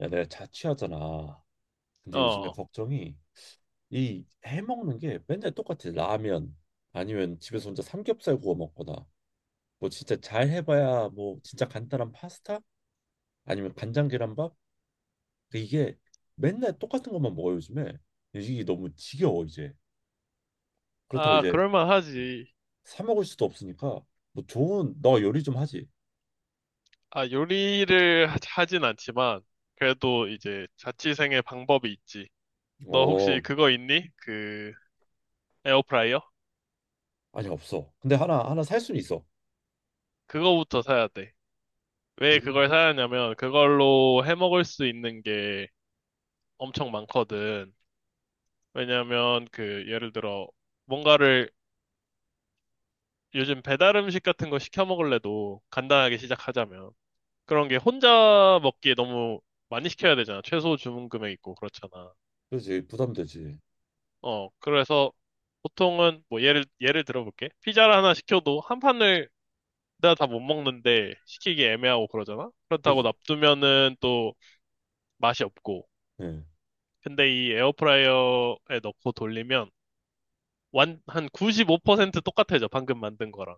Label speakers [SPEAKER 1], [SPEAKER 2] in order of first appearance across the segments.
[SPEAKER 1] 야, 내가 자취하잖아. 근데 요즘에
[SPEAKER 2] 어,
[SPEAKER 1] 걱정이 이 해먹는 게 맨날 똑같아. 라면 아니면 집에서 혼자 삼겹살 구워 먹거나 뭐 진짜 잘 해봐야 뭐 진짜 간단한 파스타 아니면 간장 계란밥. 근데 이게 맨날 똑같은 것만 먹어 요즘에. 이게 너무 지겨워 이제. 그렇다고
[SPEAKER 2] 아,
[SPEAKER 1] 이제
[SPEAKER 2] 그럴만하지.
[SPEAKER 1] 사 먹을 수도 없으니까. 뭐 좋은, 너 요리 좀 하지?
[SPEAKER 2] 아, 요리를 하진 않지만, 그래도 이제 자취생의 방법이 있지. 너 혹시
[SPEAKER 1] 어.
[SPEAKER 2] 그거 있니? 그, 에어프라이어?
[SPEAKER 1] 아니 없어. 근데 하나 살 수는 있어.
[SPEAKER 2] 그거부터 사야 돼. 왜
[SPEAKER 1] 이
[SPEAKER 2] 그걸 사야 하냐면, 그걸로 해 먹을 수 있는 게 엄청 많거든. 왜냐면, 그, 예를 들어, 뭔가를 요즘 배달 음식 같은 거 시켜 먹을래도 간단하게 시작하자면. 그런 게 혼자 먹기에 너무 많이 시켜야 되잖아. 최소 주문 금액 있고, 그렇잖아.
[SPEAKER 1] 그렇지, 부담되지.
[SPEAKER 2] 어, 그래서 보통은 뭐 예를 들어볼게. 피자를 하나 시켜도 한 판을 내가 다 못 먹는데 시키기 애매하고 그러잖아. 그렇다고
[SPEAKER 1] 그렇지.
[SPEAKER 2] 놔두면은 또 맛이 없고.
[SPEAKER 1] 예.
[SPEAKER 2] 근데 이 에어프라이어에 넣고 돌리면 완 한 95% 똑같아져. 방금 만든 거랑.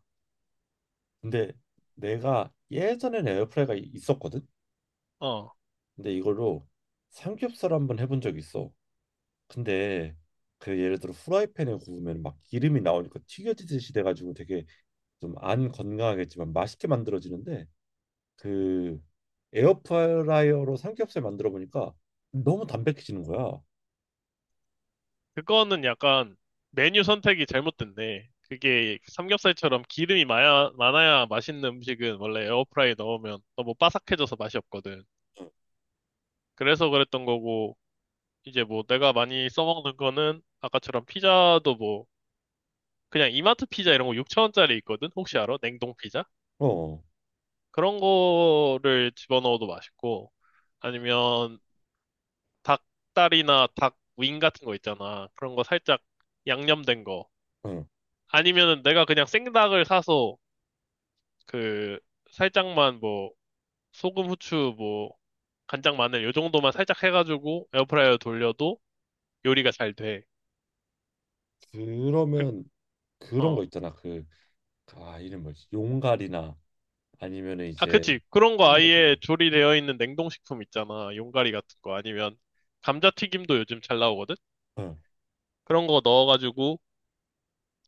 [SPEAKER 1] 근데 내가 예전에는 에어프라이가 있었거든.
[SPEAKER 2] 어,
[SPEAKER 1] 근데 이걸로 삼겹살 한번 해본 적이 있어. 근데 그 예를 들어 후라이팬에 구우면 막 기름이 나오니까 튀겨지듯이 돼가지고 되게 좀 안 건강하겠지만 맛있게 만들어지는데, 그 에어프라이어로 삼겹살 만들어 보니까 너무 담백해지는 거야.
[SPEAKER 2] 그거는 약간 메뉴 선택이 잘못됐네. 그게 삼겹살처럼 기름이 많아야 맛있는 음식은 원래 에어프라이 넣으면 너무 바삭해져서 맛이 없거든. 그래서 그랬던 거고. 이제 뭐 내가 많이 써먹는 거는 아까처럼 피자도 뭐 그냥 이마트 피자 이런 거 6천원짜리 있거든? 혹시 알아? 냉동 피자?
[SPEAKER 1] 어,
[SPEAKER 2] 그런 거를 집어넣어도 맛있고 아니면 닭다리나 닭윙 같은 거 있잖아. 그런 거 살짝 양념된 거.
[SPEAKER 1] 응.
[SPEAKER 2] 아니면은 내가 그냥 생닭을 사서 그 살짝만 뭐 소금, 후추, 뭐 간장, 마늘 요 정도만 살짝 해가지고 에어프라이어 돌려도 요리가 잘 돼. 그,
[SPEAKER 1] 그러면 그런 거
[SPEAKER 2] 어.
[SPEAKER 1] 있잖아. 아 이름 뭐지? 용갈이나 아니면은
[SPEAKER 2] 아,
[SPEAKER 1] 이제
[SPEAKER 2] 그치. 그런 거
[SPEAKER 1] 튀김 같은
[SPEAKER 2] 아예
[SPEAKER 1] 거.
[SPEAKER 2] 조리되어 있는 냉동식품 있잖아. 용가리 같은 거. 아니면 감자튀김도 요즘 잘 나오거든?
[SPEAKER 1] 응.
[SPEAKER 2] 그런 거 넣어가지고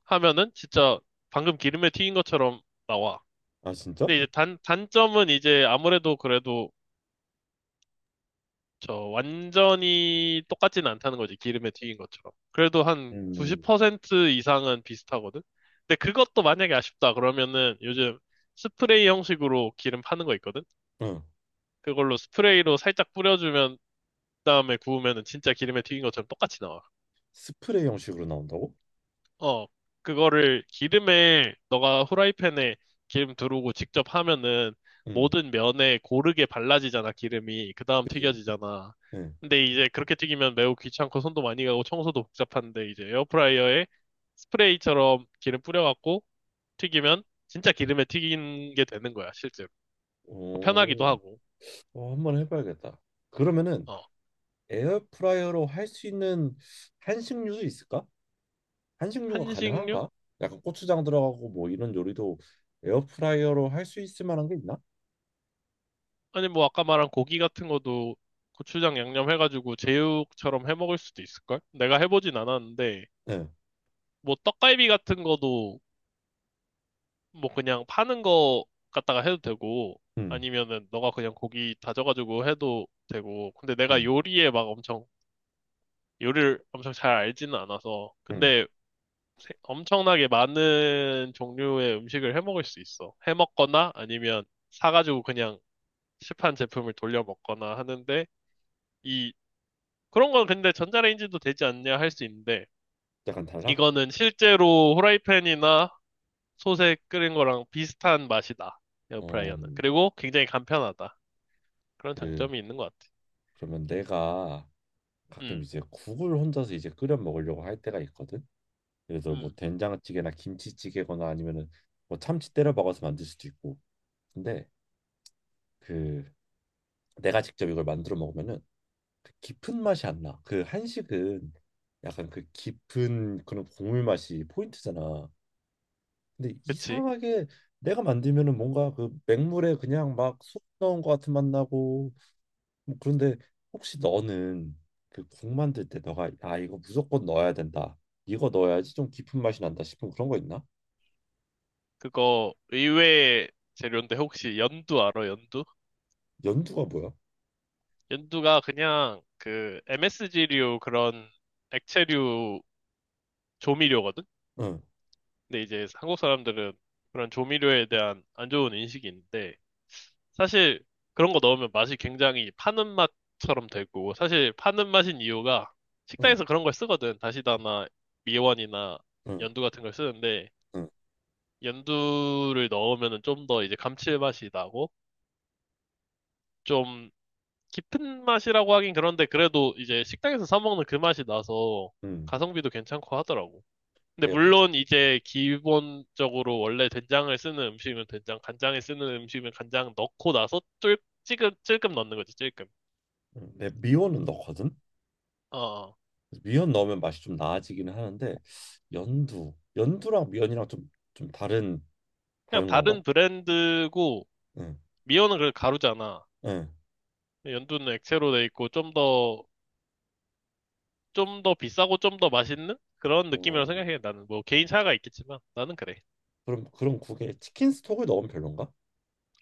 [SPEAKER 2] 하면은 진짜 방금 기름에 튀긴 것처럼 나와.
[SPEAKER 1] 아 진짜?
[SPEAKER 2] 근데 이제 단점은 이제 아무래도 그래도 저 완전히 똑같진 않다는 거지. 기름에 튀긴 것처럼. 그래도 한
[SPEAKER 1] 음,
[SPEAKER 2] 90% 이상은 비슷하거든? 근데 그것도 만약에 아쉽다 그러면은 요즘 스프레이 형식으로 기름 파는 거 있거든?
[SPEAKER 1] 응.
[SPEAKER 2] 그걸로 스프레이로 살짝 뿌려주면 다음에 구우면은 진짜 기름에 튀긴 것처럼 똑같이 나와.
[SPEAKER 1] 스프레이 형식으로 나온다고?
[SPEAKER 2] 어, 그거를 기름에 너가 후라이팬에 기름 두르고 직접 하면은
[SPEAKER 1] 응,
[SPEAKER 2] 모든 면에 고르게 발라지잖아, 기름이. 그 다음
[SPEAKER 1] 그지?
[SPEAKER 2] 튀겨지잖아.
[SPEAKER 1] 응.
[SPEAKER 2] 근데 이제 그렇게 튀기면 매우 귀찮고 손도 많이 가고 청소도 복잡한데 이제 에어프라이어에 스프레이처럼 기름 뿌려갖고 튀기면 진짜 기름에 튀긴 게 되는 거야, 실제로. 편하기도
[SPEAKER 1] 오,
[SPEAKER 2] 하고.
[SPEAKER 1] 어, 한번 해봐야겠다. 그러면은
[SPEAKER 2] 어,
[SPEAKER 1] 에어프라이어로 할 수 있는 한식류도 있을까? 한식류가
[SPEAKER 2] 한식류?
[SPEAKER 1] 가능한가? 약간 고추장 들어가고 뭐 이런 요리도 에어프라이어로 할 수 있을 만한 게 있나?
[SPEAKER 2] 아니 뭐 아까 말한 고기 같은 것도 고추장 양념 해가지고 제육처럼 해 먹을 수도 있을걸? 내가 해보진 않았는데
[SPEAKER 1] 응,
[SPEAKER 2] 뭐 떡갈비 같은 거도 뭐 그냥 파는 거 갖다가 해도 되고
[SPEAKER 1] 응,
[SPEAKER 2] 아니면은 너가 그냥 고기 다져가지고 해도 되고 근데 내가
[SPEAKER 1] 응,
[SPEAKER 2] 요리에 막 엄청 요리를 엄청 잘 알지는 않아서
[SPEAKER 1] 응.
[SPEAKER 2] 근데 엄청나게 많은 종류의 음식을 해 먹을 수 있어. 해 먹거나 아니면 사가지고 그냥 시판 제품을 돌려 먹거나 하는데 이 그런 건 근데 전자레인지도 되지 않냐 할 수 있는데,
[SPEAKER 1] 약간 달라?
[SPEAKER 2] 이거는 실제로 후라이팬이나 솥에 끓인 거랑 비슷한 맛이다.
[SPEAKER 1] 어,
[SPEAKER 2] 에어프라이어는. 그리고 굉장히 간편하다. 그런
[SPEAKER 1] 그,
[SPEAKER 2] 장점이 있는 것 같아.
[SPEAKER 1] 그러면 내가 가끔
[SPEAKER 2] 음,
[SPEAKER 1] 이제 국을 혼자서 이제 끓여 먹으려고 할 때가 있거든. 그래서 뭐
[SPEAKER 2] 음,
[SPEAKER 1] 된장찌개나 김치찌개거나 아니면은 뭐 참치 때려 박아서 만들 수도 있고. 근데 그 내가 직접 이걸 만들어 먹으면은 그 깊은 맛이 안 나. 그 한식은 약간 그 깊은 그런 국물 맛이 포인트잖아. 근데
[SPEAKER 2] 그치.
[SPEAKER 1] 이상하게 내가 만들면은 뭔가 그 맹물에 그냥 막속 넣은 것 같은 맛 나고 뭐 그런데, 혹시 너는 그 국 만들 때 너가 아 이거 무조건 넣어야 된다, 이거 넣어야지 좀 깊은 맛이 난다 싶은 그런 거 있나?
[SPEAKER 2] 그거 의외의 재료인데 혹시 연두 알아, 연두?
[SPEAKER 1] 연두가 뭐야?
[SPEAKER 2] 연두가 그냥 그 MSG류 그런 액체류 조미료거든?
[SPEAKER 1] 응.
[SPEAKER 2] 근데 이제 한국 사람들은 그런 조미료에 대한 안 좋은 인식이 있는데, 사실 그런 거 넣으면 맛이 굉장히 파는 맛처럼 되고, 사실 파는 맛인 이유가
[SPEAKER 1] 응,
[SPEAKER 2] 식당에서 그런 걸 쓰거든. 다시다나 미원이나
[SPEAKER 1] 응,
[SPEAKER 2] 연두 같은 걸 쓰는데,
[SPEAKER 1] 응,
[SPEAKER 2] 연두를 넣으면은 좀 더 이제 감칠맛이 나고, 좀 깊은 맛이라고 하긴 그런데 그래도 이제 식당에서 사 먹는 그 맛이 나서
[SPEAKER 1] 응.
[SPEAKER 2] 가성비도 괜찮고 하더라고. 근데
[SPEAKER 1] 내가
[SPEAKER 2] 물론 이제 기본적으로 원래 된장을 쓰는 음식이면 된장, 간장을 쓰는 음식이면 간장 넣고 나서 쫄 찔끔 찔끔 넣는 거지, 찔끔.
[SPEAKER 1] 응, 내가 미원은 넣거든.
[SPEAKER 2] 어,
[SPEAKER 1] 그래서 미원 넣으면 맛이 좀 나아지기는 하는데 연두랑 미원이랑 좀
[SPEAKER 2] 그냥
[SPEAKER 1] 다른 건가?
[SPEAKER 2] 다른 브랜드고,
[SPEAKER 1] 응,
[SPEAKER 2] 미어는 그걸 가루잖아.
[SPEAKER 1] 응.
[SPEAKER 2] 연두는 액체로 돼 있고, 좀 더 비싸고 좀 더 맛있는? 그런 느낌이라고
[SPEAKER 1] 어,
[SPEAKER 2] 생각해. 나는 뭐 개인 차이가 있겠지만, 나는 그래.
[SPEAKER 1] 그럼 그런 국에 치킨 스톡을 넣으면 별론가?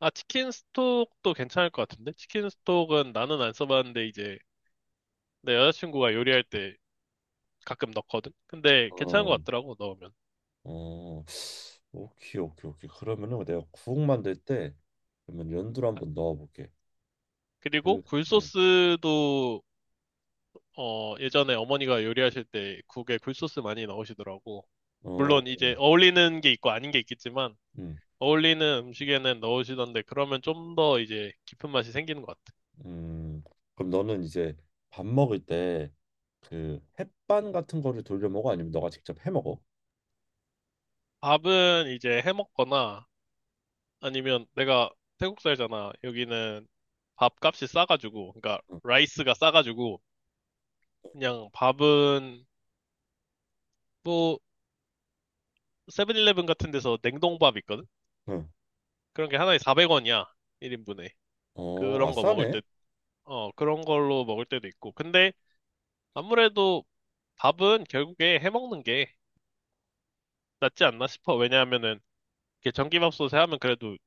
[SPEAKER 2] 아, 치킨 스톡도 괜찮을 것 같은데? 치킨 스톡은 나는 안 써봤는데, 이제 내 여자친구가 요리할 때 가끔 넣거든? 근데 괜찮은 것
[SPEAKER 1] 어,
[SPEAKER 2] 같더라고, 넣으면.
[SPEAKER 1] 어, 오케이, 오케이, 오케이. 그러면은 내가 국 만들 때 그러면 연두를 한번 넣어볼게.
[SPEAKER 2] 그리고
[SPEAKER 1] 그, 응,
[SPEAKER 2] 굴소스도, 어, 예전에 어머니가 요리하실 때 국에 굴소스 많이 넣으시더라고.
[SPEAKER 1] 어,
[SPEAKER 2] 물론 이제 어울리는 게 있고 아닌 게 있겠지만
[SPEAKER 1] 음.
[SPEAKER 2] 어울리는 음식에는 넣으시던데 그러면 좀 더 이제 깊은 맛이 생기는 것 같아.
[SPEAKER 1] 음, 그럼 너는 이제 밥 먹을 때 그 햇반 같은 거를 돌려 먹어? 아니면 너가 직접 해 먹어?
[SPEAKER 2] 밥은 이제 해 먹거나 아니면 내가 태국 살잖아. 여기는 밥값이 싸가지고 그러니까
[SPEAKER 1] 응.
[SPEAKER 2] 라이스가 싸가지고 그냥 밥은 뭐 세븐일레븐 같은 데서 냉동밥 있거든.
[SPEAKER 1] 응.
[SPEAKER 2] 그런 게 하나에 400원이야. 1인분에.
[SPEAKER 1] 어, 아
[SPEAKER 2] 그런 거 먹을
[SPEAKER 1] 싸네.
[SPEAKER 2] 때 그런 걸로 먹을 때도 있고. 근데 아무래도 밥은 결국에 해 먹는 게 낫지 않나 싶어. 왜냐하면은 이게 전기밥솥에 하면 그래도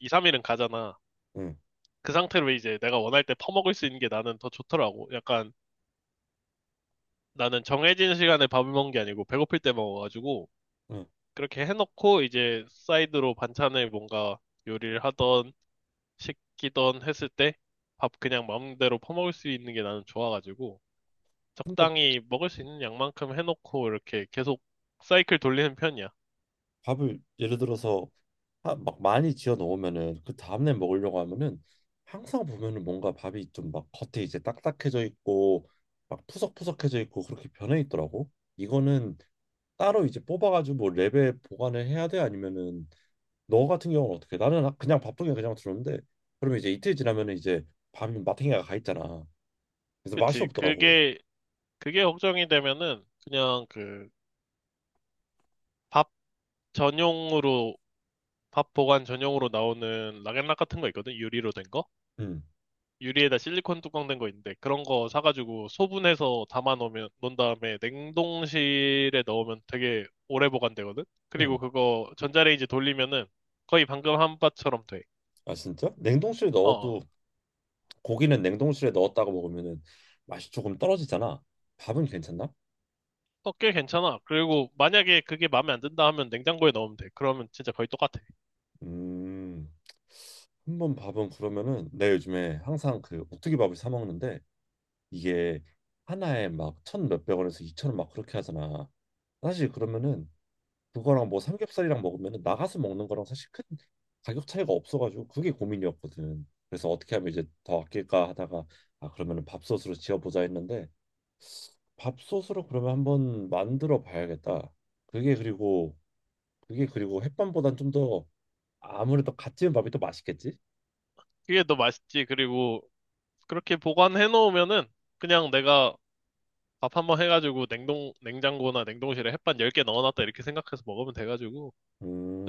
[SPEAKER 2] 2, 3일은 가잖아.
[SPEAKER 1] 응.
[SPEAKER 2] 그 상태로 이제 내가 원할 때 퍼먹을 수 있는 게 나는 더 좋더라고. 약간 나는 정해진 시간에 밥을 먹는 게 아니고 배고플 때 먹어가지고
[SPEAKER 1] 응.
[SPEAKER 2] 그렇게 해놓고 이제 사이드로 반찬을 뭔가 요리를 하던 시키던 했을 때 밥 그냥 마음대로 퍼먹을 수 있는 게 나는 좋아가지고
[SPEAKER 1] 근데
[SPEAKER 2] 적당히 먹을 수 있는 양만큼 해놓고 이렇게 계속 사이클 돌리는 편이야.
[SPEAKER 1] 밥을 예를 들어서 막 많이 지어 놓으면은 그 다음날 먹으려고 하면은 항상 보면은 뭔가 밥이 좀 막 겉에 이제 딱딱해져 있고 막 푸석푸석해져 있고 그렇게 변해 있더라고. 이거는 따로 이제 뽑아가지고 뭐 랩에 보관을 해야 돼? 아니면은 너 같은 경우는 어떻게? 나는 그냥 바쁘게 그냥 들었는데 그러면 이제 이틀 지나면 은 이제 밤이 마탱이가 가 있잖아. 그래서 맛이
[SPEAKER 2] 그치?
[SPEAKER 1] 없더라고.
[SPEAKER 2] 그게 걱정이 되면은 그냥 그 밥 전용으로 밥 보관 전용으로 나오는 락앤락 같은 거 있거든? 유리로 된 거?
[SPEAKER 1] 응,
[SPEAKER 2] 유리에다 실리콘 뚜껑 된 거 있는데 그런 거 사가지고 소분해서 담아 놓으면 놓은 다음에 냉동실에 넣으면 되게 오래 보관되거든?
[SPEAKER 1] 응.
[SPEAKER 2] 그리고 그거 전자레인지 돌리면은 거의 방금 한 바처럼 돼.
[SPEAKER 1] 아 진짜? 냉동실에
[SPEAKER 2] 어,
[SPEAKER 1] 넣어도?
[SPEAKER 2] 어,
[SPEAKER 1] 고기는 냉동실에 넣었다가 먹으면은 맛이 조금 떨어지잖아. 밥은 괜찮나?
[SPEAKER 2] 어, 꽤 괜찮아. 그리고 만약에 그게 마음에 안 든다 하면 냉장고에 넣으면 돼. 그러면 진짜 거의 똑같아.
[SPEAKER 1] 음, 한번. 밥은 그러면은 내 요즘에 항상 그 오뚜기 밥을 사 먹는데 이게 하나에 막 천 몇백 원에서 2,000원 막 그렇게 하잖아. 사실 그러면은 그거랑 뭐 삼겹살이랑 먹으면 나가서 먹는 거랑 사실 큰 가격 차이가 없어가지고 그게 고민이었거든. 그래서 어떻게 하면 이제 더 아낄까 하다가 아 그러면은 밥솥으로 지어보자 했는데 밥솥으로 그러면 한번 만들어 봐야겠다. 그게 그리고 그게 그리고 햇반보단 좀 더 아무래도 갓 지은 밥이 더 맛있겠지?
[SPEAKER 2] 그게 더 맛있지. 그리고 그렇게 보관해 놓으면은 그냥 내가 밥 한번 해가지고 냉장고나 냉동실에 햇반 10개 넣어놨다 이렇게 생각해서 먹으면 돼가지고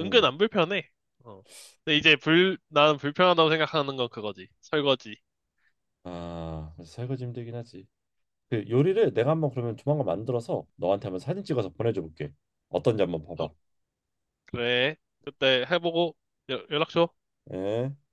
[SPEAKER 2] 은근 안 불편해. 어. 근데 이제 나는 불편하다고 생각하는 건 그거지. 설거지.
[SPEAKER 1] 아, 그래서 설거지 힘들긴 하지. 그 요리를 내가 한번 그러면 조만간 만들어서 너한테 한번 사진 찍어서 보내줘 볼게. 어떤지 한번
[SPEAKER 2] 어,
[SPEAKER 1] 봐봐.
[SPEAKER 2] 그래. 그때 해보고 연락 줘.
[SPEAKER 1] 예.